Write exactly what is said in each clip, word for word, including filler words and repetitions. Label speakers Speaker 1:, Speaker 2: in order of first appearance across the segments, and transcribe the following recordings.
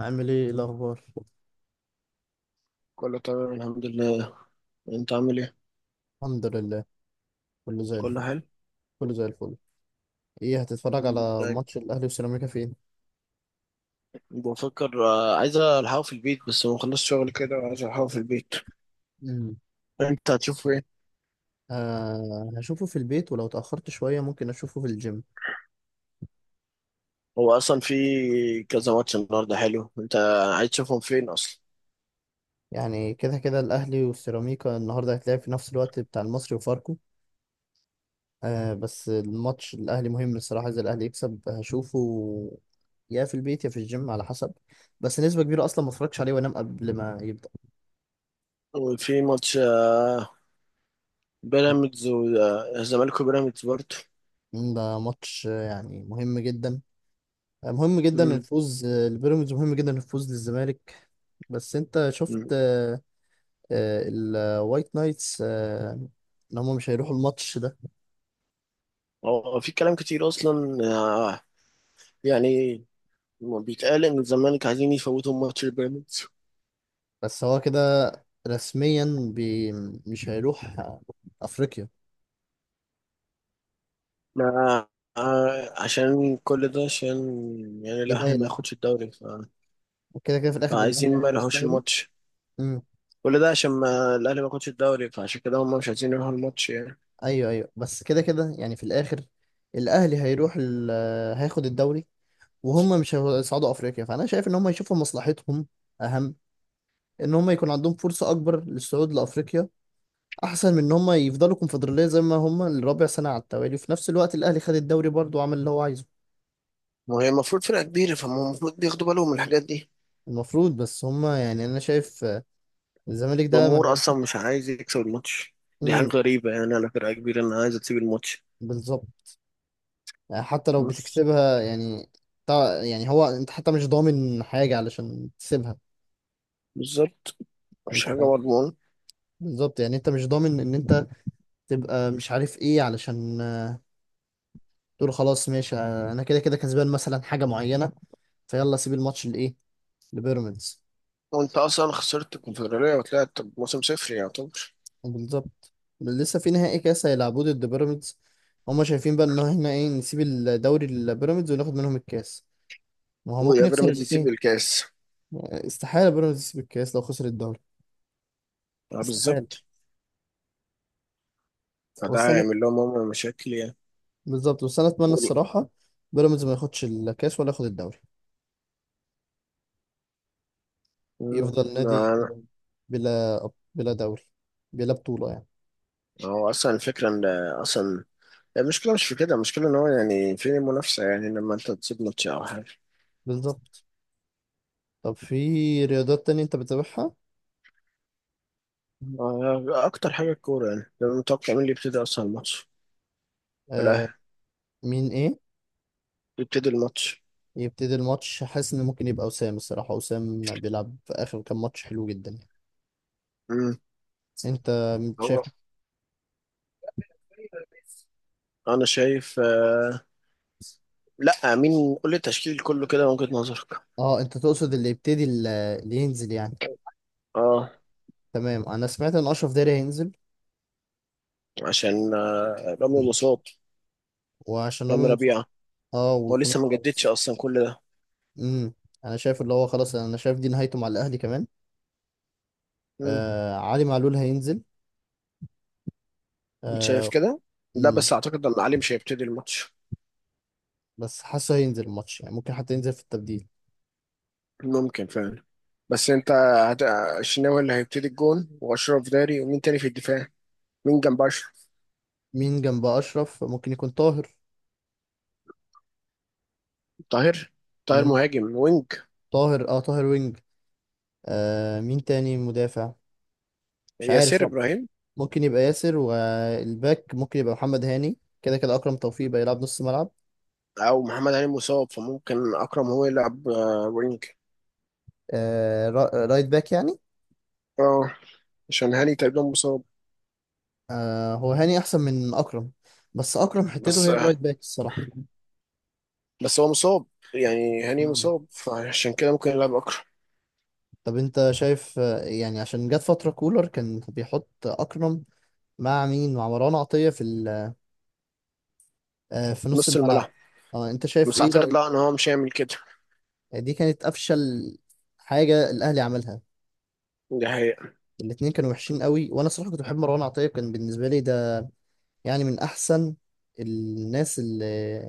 Speaker 1: عامل ايه؟ إيه الاخبار؟
Speaker 2: كله تمام، الحمد لله. انت عامل ايه؟
Speaker 1: الحمد لله، كله زي
Speaker 2: كله
Speaker 1: الفل.
Speaker 2: حلو.
Speaker 1: كله زي الفل. ايه، هتتفرج
Speaker 2: مم،
Speaker 1: على
Speaker 2: دايما
Speaker 1: ماتش الاهلي وسيراميكا فين؟
Speaker 2: بفكر، آه، عايز الحقه في البيت، بس ما خلصت شغل كده وعايز الحقه في البيت.
Speaker 1: مم.
Speaker 2: انت هتشوف ايه؟
Speaker 1: آه، هشوفه في البيت، ولو اتاخرت شويه ممكن اشوفه في الجيم.
Speaker 2: هو اصلا في كذا ماتش النهارده حلو. انت عايز تشوفهم فين اصلا؟
Speaker 1: يعني كده كده الاهلي والسيراميكا النهارده هيتلعب في نفس الوقت بتاع المصري وفاركو. آه، بس الماتش الاهلي مهم الصراحه، اذا الاهلي يكسب هشوفه، يا في البيت يا في الجيم على حسب. بس نسبه كبيره اصلا ما اتفرجش عليه وانام قبل ما يبدا.
Speaker 2: وفي ماتش، آه، بيراميدز والزمالك، وبيراميدز برضه.
Speaker 1: مم، ده ماتش آه، يعني مهم جدا. مهم جدا
Speaker 2: مم،
Speaker 1: الفوز البيراميدز، مهم جدا الفوز للزمالك. بس انت شفت
Speaker 2: مم.
Speaker 1: آه، آه، الوايت نايتس آه، ان هم مش هيروحوا الماتش ده.
Speaker 2: هو في كلام كتير اصلا، آه، يعني بيتقال ان الزمالك عايزين يفوتوا ماتش البيراميدز.
Speaker 1: بس هو كده رسميا، بي مش هيروح آه، افريقيا.
Speaker 2: ما آه، عشان كل ده، عشان يعني
Speaker 1: دي
Speaker 2: الاهلي ما
Speaker 1: نايله،
Speaker 2: ياخدش الدوري ف...
Speaker 1: وكده كده في الاخر الاهلي
Speaker 2: فعايزين ما
Speaker 1: هياخد
Speaker 2: يلهوش
Speaker 1: الدوري.
Speaker 2: الماتش.
Speaker 1: امم.
Speaker 2: كل ده عشان ما الاهلي ما ياخدش الدوري، فعشان كده هم مش عايزين يروحوا الماتش يعني.
Speaker 1: ايوه ايوه، بس كده كده يعني في الاخر الاهلي هيروح ال... آه، هياخد الدوري، وهم مش هيصعدوا افريقيا. فانا شايف ان هم يشوفوا مصلحتهم، اهم ان هم يكون عندهم فرصه اكبر للصعود لافريقيا، احسن من ان هم يفضلوا كونفدراليه زي ما هم الرابع سنه على التوالي، وفي نفس الوقت الاهلي خد الدوري برضه وعمل اللي هو عايزه.
Speaker 2: ما هي المفروض فرقة كبيرة، فهم المفروض بياخدوا بالهم من الحاجات دي.
Speaker 1: المفروض، بس هم يعني انا شايف آه، الزمالك ده ما
Speaker 2: الجمهور
Speaker 1: بقتش.
Speaker 2: اصلا مش عايز يكسب الماتش. دي حاجة
Speaker 1: امم.
Speaker 2: غريبة يعني، على فرقة كبيرة انها عايزة تسيب الماتش.
Speaker 1: بالظبط، يعني حتى لو
Speaker 2: بص.
Speaker 1: بتكسبها يعني. تع- يعني هو انت حتى مش ضامن حاجه علشان تسيبها.
Speaker 2: بالظبط. مش
Speaker 1: انت
Speaker 2: حاجة
Speaker 1: فاهم؟
Speaker 2: مضمونة.
Speaker 1: بالظبط، يعني انت مش ضامن ان انت تبقى مش عارف ايه، علشان آه، تقول خلاص ماشي آه، انا كده كده كسبان مثلا حاجه معينه، فيلا سيب الماتش لايه؟ لبيراميدز.
Speaker 2: وانت اصلا خسرت الكونفدرالية وطلعت بموسم صفر يعتبر.
Speaker 1: بالظبط. لسه في نهائي كاس هيلعبوه ضد بيراميدز، هما شايفين بقى ان احنا ايه، نسيب الدوري لبيراميدز وناخد منهم الكاس؟ ما هو ممكن
Speaker 2: ويا
Speaker 1: يخسر
Speaker 2: بيراميدز يسيب
Speaker 1: الاثنين.
Speaker 2: الكاس.
Speaker 1: استحاله بيراميدز يسيب الكاس لو خسر الدوري.
Speaker 2: آه،
Speaker 1: استحاله.
Speaker 2: بالظبط. فده
Speaker 1: بس انا،
Speaker 2: هيعمل لهم هم مشاكل يعني.
Speaker 1: بالظبط بس انا اتمنى
Speaker 2: يعني-
Speaker 1: الصراحه بيراميدز ما ياخدش الكاس ولا ياخد الدوري.
Speaker 2: مم.
Speaker 1: يفضل
Speaker 2: ما
Speaker 1: نادي كده، بلا بلا دوري، بلا بطوله يعني.
Speaker 2: ما هو اصلا الفكره ان اصلا المشكله مش في كده، المشكله ان هو يعني فين المنافسه، يعني لما انت تسيب ماتش او حاجه.
Speaker 1: بالظبط. طب، في رياضات تانية انت بتتابعها؟
Speaker 2: آه، اكتر حاجه الكوره، يعني لما متوقع مين اللي يبتدي اصلا الماتش.
Speaker 1: آه.
Speaker 2: الاهلي
Speaker 1: مين ايه؟
Speaker 2: يبتدي الماتش.
Speaker 1: يبتدي الماتش، حاسس ان ممكن يبقى وسام الصراحه. وسام بيلعب في اخر كام ماتش حلو جدا يعني.
Speaker 2: مم.
Speaker 1: انت شايف؟
Speaker 2: هو انا شايف، آه، لا، مين قول لي التشكيل كله كده من وجهه نظرك؟
Speaker 1: اه، انت تقصد اللي يبتدي ال- اللي ينزل يعني؟
Speaker 2: اه.
Speaker 1: تمام، انا سمعت ان اشرف داري هينزل.
Speaker 2: عشان آه، رامي
Speaker 1: مم.
Speaker 2: الوسط،
Speaker 1: وعشان
Speaker 2: رامي
Speaker 1: رامي مصطفى.
Speaker 2: ربيعه.
Speaker 1: اه،
Speaker 2: هو
Speaker 1: وكمان
Speaker 2: لسه ما جددش
Speaker 1: خلاص.
Speaker 2: اصلا كل ده.
Speaker 1: امم. انا شايف اللي هو خلاص، انا شايف دي نهايته مع الاهلي كمان.
Speaker 2: مم.
Speaker 1: آه، علي معلول هينزل.
Speaker 2: انت شايف
Speaker 1: آه.
Speaker 2: كده؟ لا،
Speaker 1: امم.
Speaker 2: بس اعتقد ان علي مش هيبتدي الماتش.
Speaker 1: بس حاسه هينزل الماتش يعني، ممكن حتى ينزل في التبديل.
Speaker 2: ممكن فعلا. بس انت هت... الشناوي اللي هيبتدي الجون، واشرف داري، ومين تاني في الدفاع؟ مين جنب اشرف؟
Speaker 1: مين جنب اشرف؟ ممكن يكون طاهر.
Speaker 2: طاهر. طاهر
Speaker 1: امم.
Speaker 2: مهاجم وينج.
Speaker 1: طاهر، اه طاهر وينج. آه مين تاني مدافع؟ مش عارف.
Speaker 2: ياسر
Speaker 1: طب
Speaker 2: ابراهيم.
Speaker 1: ممكن يبقى ياسر، والباك ممكن يبقى محمد هاني، كده كده أكرم توفيق بقى يلعب نص ملعب.
Speaker 2: او محمد هاني مصاب، فممكن اكرم هو يلعب آه، وينج.
Speaker 1: آه، را- رايت باك يعني.
Speaker 2: اه، عشان هاني تقريبا مصاب.
Speaker 1: آه، هو هاني أحسن من أكرم، بس أكرم حتته
Speaker 2: بس
Speaker 1: هي
Speaker 2: آه،
Speaker 1: الرايت باك الصراحة.
Speaker 2: بس هو مصاب، يعني هاني
Speaker 1: مم.
Speaker 2: مصاب، فعشان كده ممكن يلعب اكرم
Speaker 1: طب، أنت شايف آه، يعني عشان جت فترة كولر كان بيحط أكرم مع مين؟ مع مروان عطية في ال- آه في
Speaker 2: في
Speaker 1: نص
Speaker 2: نص
Speaker 1: الملعب.
Speaker 2: الملعب.
Speaker 1: اه، أنت شايف
Speaker 2: بس
Speaker 1: إيه
Speaker 2: اعتقد
Speaker 1: رأيك؟
Speaker 2: لا، ان هو مش هيعمل كده.
Speaker 1: دي كانت أفشل حاجة الأهلي عملها.
Speaker 2: دي حقيقة.
Speaker 1: الاتنين كانوا وحشين قوي، وأنا صراحة كنت بحب مروان عطية، كان بالنسبة لي ده يعني من احسن الناس اللي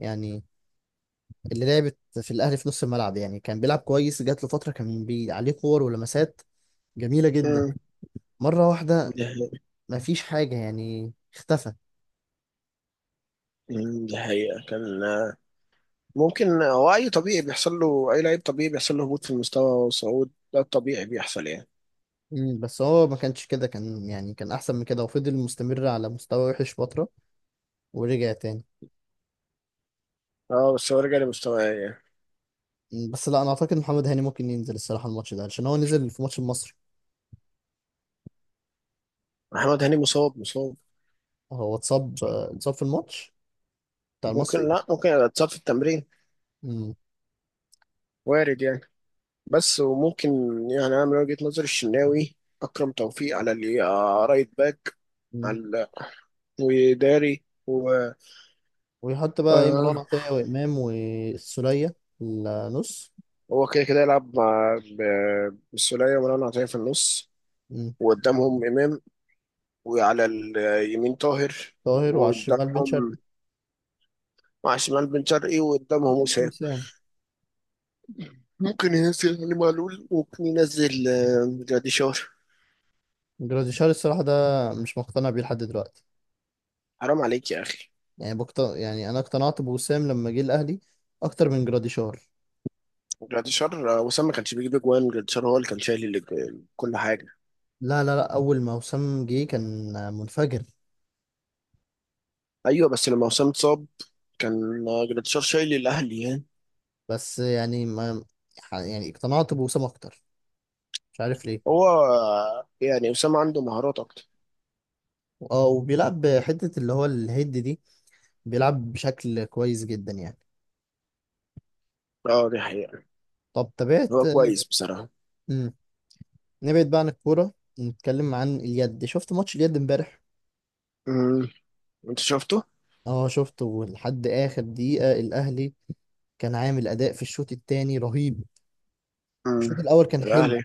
Speaker 1: يعني اللي لعبت في الاهلي في نص الملعب يعني. كان بيلعب كويس، جات له فتره كان بي عليه كور ولمسات جميله جدا.
Speaker 2: مم.
Speaker 1: مره واحده
Speaker 2: دي حقيقة.
Speaker 1: ما فيش حاجه، يعني اختفى.
Speaker 2: مم، دي حقيقة. كان آه، ممكن هو اي طبيعي بيحصل له، اي لعيب طبيعي بيحصل له هبوط في المستوى وصعود، ده الطبيعي بيحصل يعني.
Speaker 1: مم، بس هو ما كانش كده، كان يعني كان احسن من كده، وفضل مستمر على مستوى وحش فتره ورجع تاني.
Speaker 2: اه، بس هو رجع لمستواه يعني.
Speaker 1: مم، بس لا، انا اعتقد محمد هاني ممكن ينزل الصراحه الماتش ده عشان هو نزل في ماتش المصري.
Speaker 2: محمد هاني مصاب مصاب.
Speaker 1: هو اتصاب اتصاب في الماتش بتاع
Speaker 2: ممكن،
Speaker 1: المصري.
Speaker 2: لا ممكن اتصاب في التمرين، وارد يعني. بس وممكن، يعني انا من وجهة نظري الشناوي، اكرم توفيق على اللي آه، رايت باك،
Speaker 1: مم.
Speaker 2: على وداري و
Speaker 1: ويحط بقى ايه؟ مروان
Speaker 2: آه،
Speaker 1: عطية وإمام والسولية النص.
Speaker 2: هو كده كده يلعب مع ب- بالسولية ومروان عطية في النص.
Speaker 1: مم.
Speaker 2: وقدامهم امام، وعلى اليمين طاهر،
Speaker 1: طاهر، وعلى الشمال بن شرقي.
Speaker 2: وقدامهم مع شمال بن شرقي، وقدامهم
Speaker 1: قدامهم
Speaker 2: وسام.
Speaker 1: وسام.
Speaker 2: ممكن ينزل علي معلول، وممكن ينزل آه، جراديشار.
Speaker 1: جراديشار الصراحة ده مش مقتنع بيه لحد دلوقتي.
Speaker 2: حرام عليك يا اخي.
Speaker 1: يعني بقت... يعني أنا اقتنعت بوسام لما جه الأهلي أكتر من جراديشار.
Speaker 2: جراديشار، آه، وسام ما كانش بيجيب اجوان، جراديشار هو اللي كان شايل الأج- كل حاجه.
Speaker 1: لا لا لا، أول ما وسام جه كان منفجر.
Speaker 2: ايوه، بس لما وسام اتصاب كان آه، جراديشار شايل الاهلي يعني.
Speaker 1: بس يعني ما، يعني اقتنعت بوسام أكتر، مش عارف ليه.
Speaker 2: هو آه، يعني وسام عنده مهارات اكتر.
Speaker 1: اه، وبيلعب حتة اللي هو الهيد دي، بيلعب بشكل كويس جدا يعني.
Speaker 2: اه، دي حقيقه.
Speaker 1: طب تابعت،
Speaker 2: هو كويس بصراحه.
Speaker 1: نبعد بقى عن الكورة، نتكلم عن اليد. شفت ماتش اليد امبارح؟
Speaker 2: امم. انت شفته؟
Speaker 1: اه، شفته لحد آخر دقيقة. الأهلي كان عامل أداء في الشوط التاني رهيب. الشوط
Speaker 2: امم.
Speaker 1: الأول كان حلو
Speaker 2: الاهلي،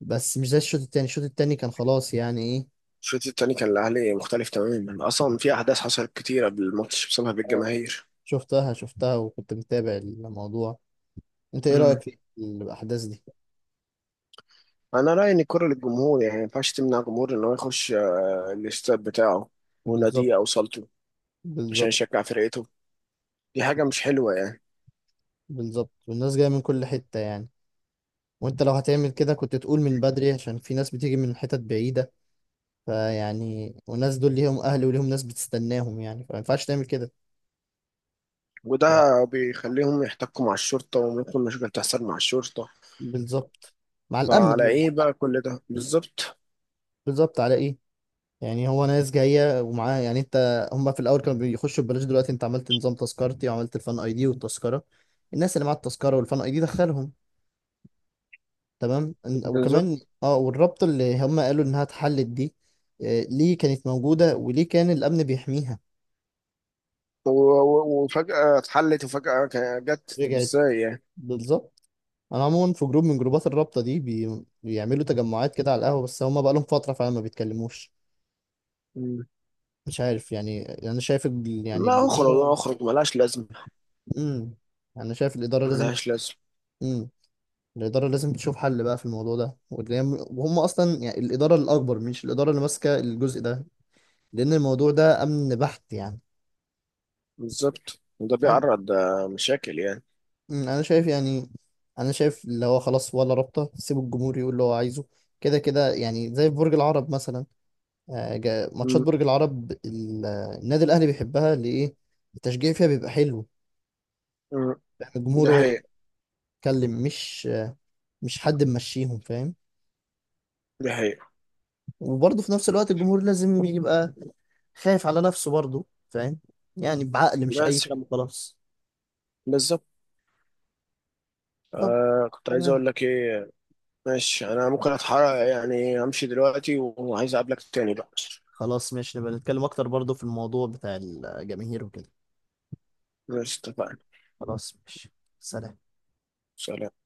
Speaker 1: بس مش زي الشوط التاني. الشوط التاني كان خلاص يعني إيه.
Speaker 2: الشوط التاني كان الاهلي مختلف تماما، اصلا في احداث حصلت كتير قبل الماتش بسبب
Speaker 1: اه،
Speaker 2: الجماهير.
Speaker 1: شفتها شفتها وكنت متابع الموضوع. أنت إيه رأيك في الأحداث دي؟
Speaker 2: انا رايي ان الكره للجمهور، يعني ما ينفعش تمنع جمهور ان هو يخش آه، الاستاد بتاعه وناديه او
Speaker 1: بالظبط،
Speaker 2: صالته عشان
Speaker 1: بالظبط،
Speaker 2: يشجع فرقته. دي حاجه مش حلوه يعني.
Speaker 1: بالظبط، والناس جاية من كل حتة يعني. وأنت لو هتعمل كده كنت تقول من بدري، عشان في ناس بتيجي من حتت بعيدة، فيعني والناس دول ليهم اهل وليهم ناس بتستناهم يعني، فما ينفعش تعمل كده. هو
Speaker 2: وده بيخليهم يحتكوا مع الشرطه، وممكن مشاكل تحصل مع الشرطه.
Speaker 1: بالظبط، مع الامن
Speaker 2: فعلى
Speaker 1: عموماً.
Speaker 2: ايه بقى كل ده؟ بالظبط.
Speaker 1: بالظبط على ايه؟ يعني هو ناس جايه ومعاها يعني، انت هم في الاول كانوا بيخشوا ببلاش، دلوقتي انت عملت نظام تذكرتي، وعملت الفان اي دي والتذكره. الناس اللي معاها التذكره والفان اي دي دخلهم، تمام. إن- وكمان
Speaker 2: بالظبط.
Speaker 1: اه والرابطه اللي هم قالوا انها اتحلت دي آه، ليه كانت موجوده وليه كان الامن بيحميها؟
Speaker 2: و- و- وفجاه اتحلت، وفجاه ك- جت، طب
Speaker 1: رجعت.
Speaker 2: ازاي يعني؟
Speaker 1: بالظبط. انا عموما في جروب من جروبات الرابطه دي، بي... بيعملوا تجمعات كده على القهوه، بس هما بقالهم فتره فعلا ما بيتكلموش.
Speaker 2: مم.
Speaker 1: مش عارف يعني، يعني انا شايف ال... يعني
Speaker 2: لا، اخرج
Speaker 1: الاداره.
Speaker 2: اخرج ملهاش لازمه.
Speaker 1: امم. انا شايف الاداره لازم.
Speaker 2: ملهاش لازمه.
Speaker 1: امم. الاداره لازم تشوف حل بقى في الموضوع ده، واللي هي- وهم اصلا يعني الاداره الاكبر، مش الاداره اللي ماسكه الجزء ده، لان الموضوع ده امن بحت يعني.
Speaker 2: بالظبط، وده
Speaker 1: انا
Speaker 2: بيعرض آه، مشاكل يعني.
Speaker 1: أمم، أنا شايف يعني، انا شايف اللي هو خلاص ولا رابطه، سيبوا الجمهور يقول اللي هو عايزه. كده كده يعني، زي في برج العرب مثلا. آه، جا- ماتشات
Speaker 2: مم.
Speaker 1: برج العرب ال- آه، النادي الاهلي بيحبها ليه؟ التشجيع فيها بيبقى حلو.
Speaker 2: مم.
Speaker 1: فاهم؟
Speaker 2: دي
Speaker 1: الجمهور هو
Speaker 2: حقيقة.
Speaker 1: بيتكلم، مش آه، مش حد ممشيهم فاهم.
Speaker 2: دي حقيقة.
Speaker 1: وبرضه في نفس الوقت الجمهور لازم يبقى خايف على نفسه برضه فاهم، يعني بعقل، مش اي
Speaker 2: بس.
Speaker 1: كلام خلاص.
Speaker 2: بالظبط.
Speaker 1: طب
Speaker 2: آه كنت عايز
Speaker 1: تمام.
Speaker 2: اقول لك ايه. ماشي، انا ممكن اتحرك يعني، امشي دلوقتي، وعايز اقابلك تاني بقى.
Speaker 1: خلاص ماشي، نبقى نتكلم اكتر برضه في الموضوع بتاع الجماهير وكده.
Speaker 2: ماشي، اتفقنا.
Speaker 1: خلاص ماشي. سلام.
Speaker 2: سلام.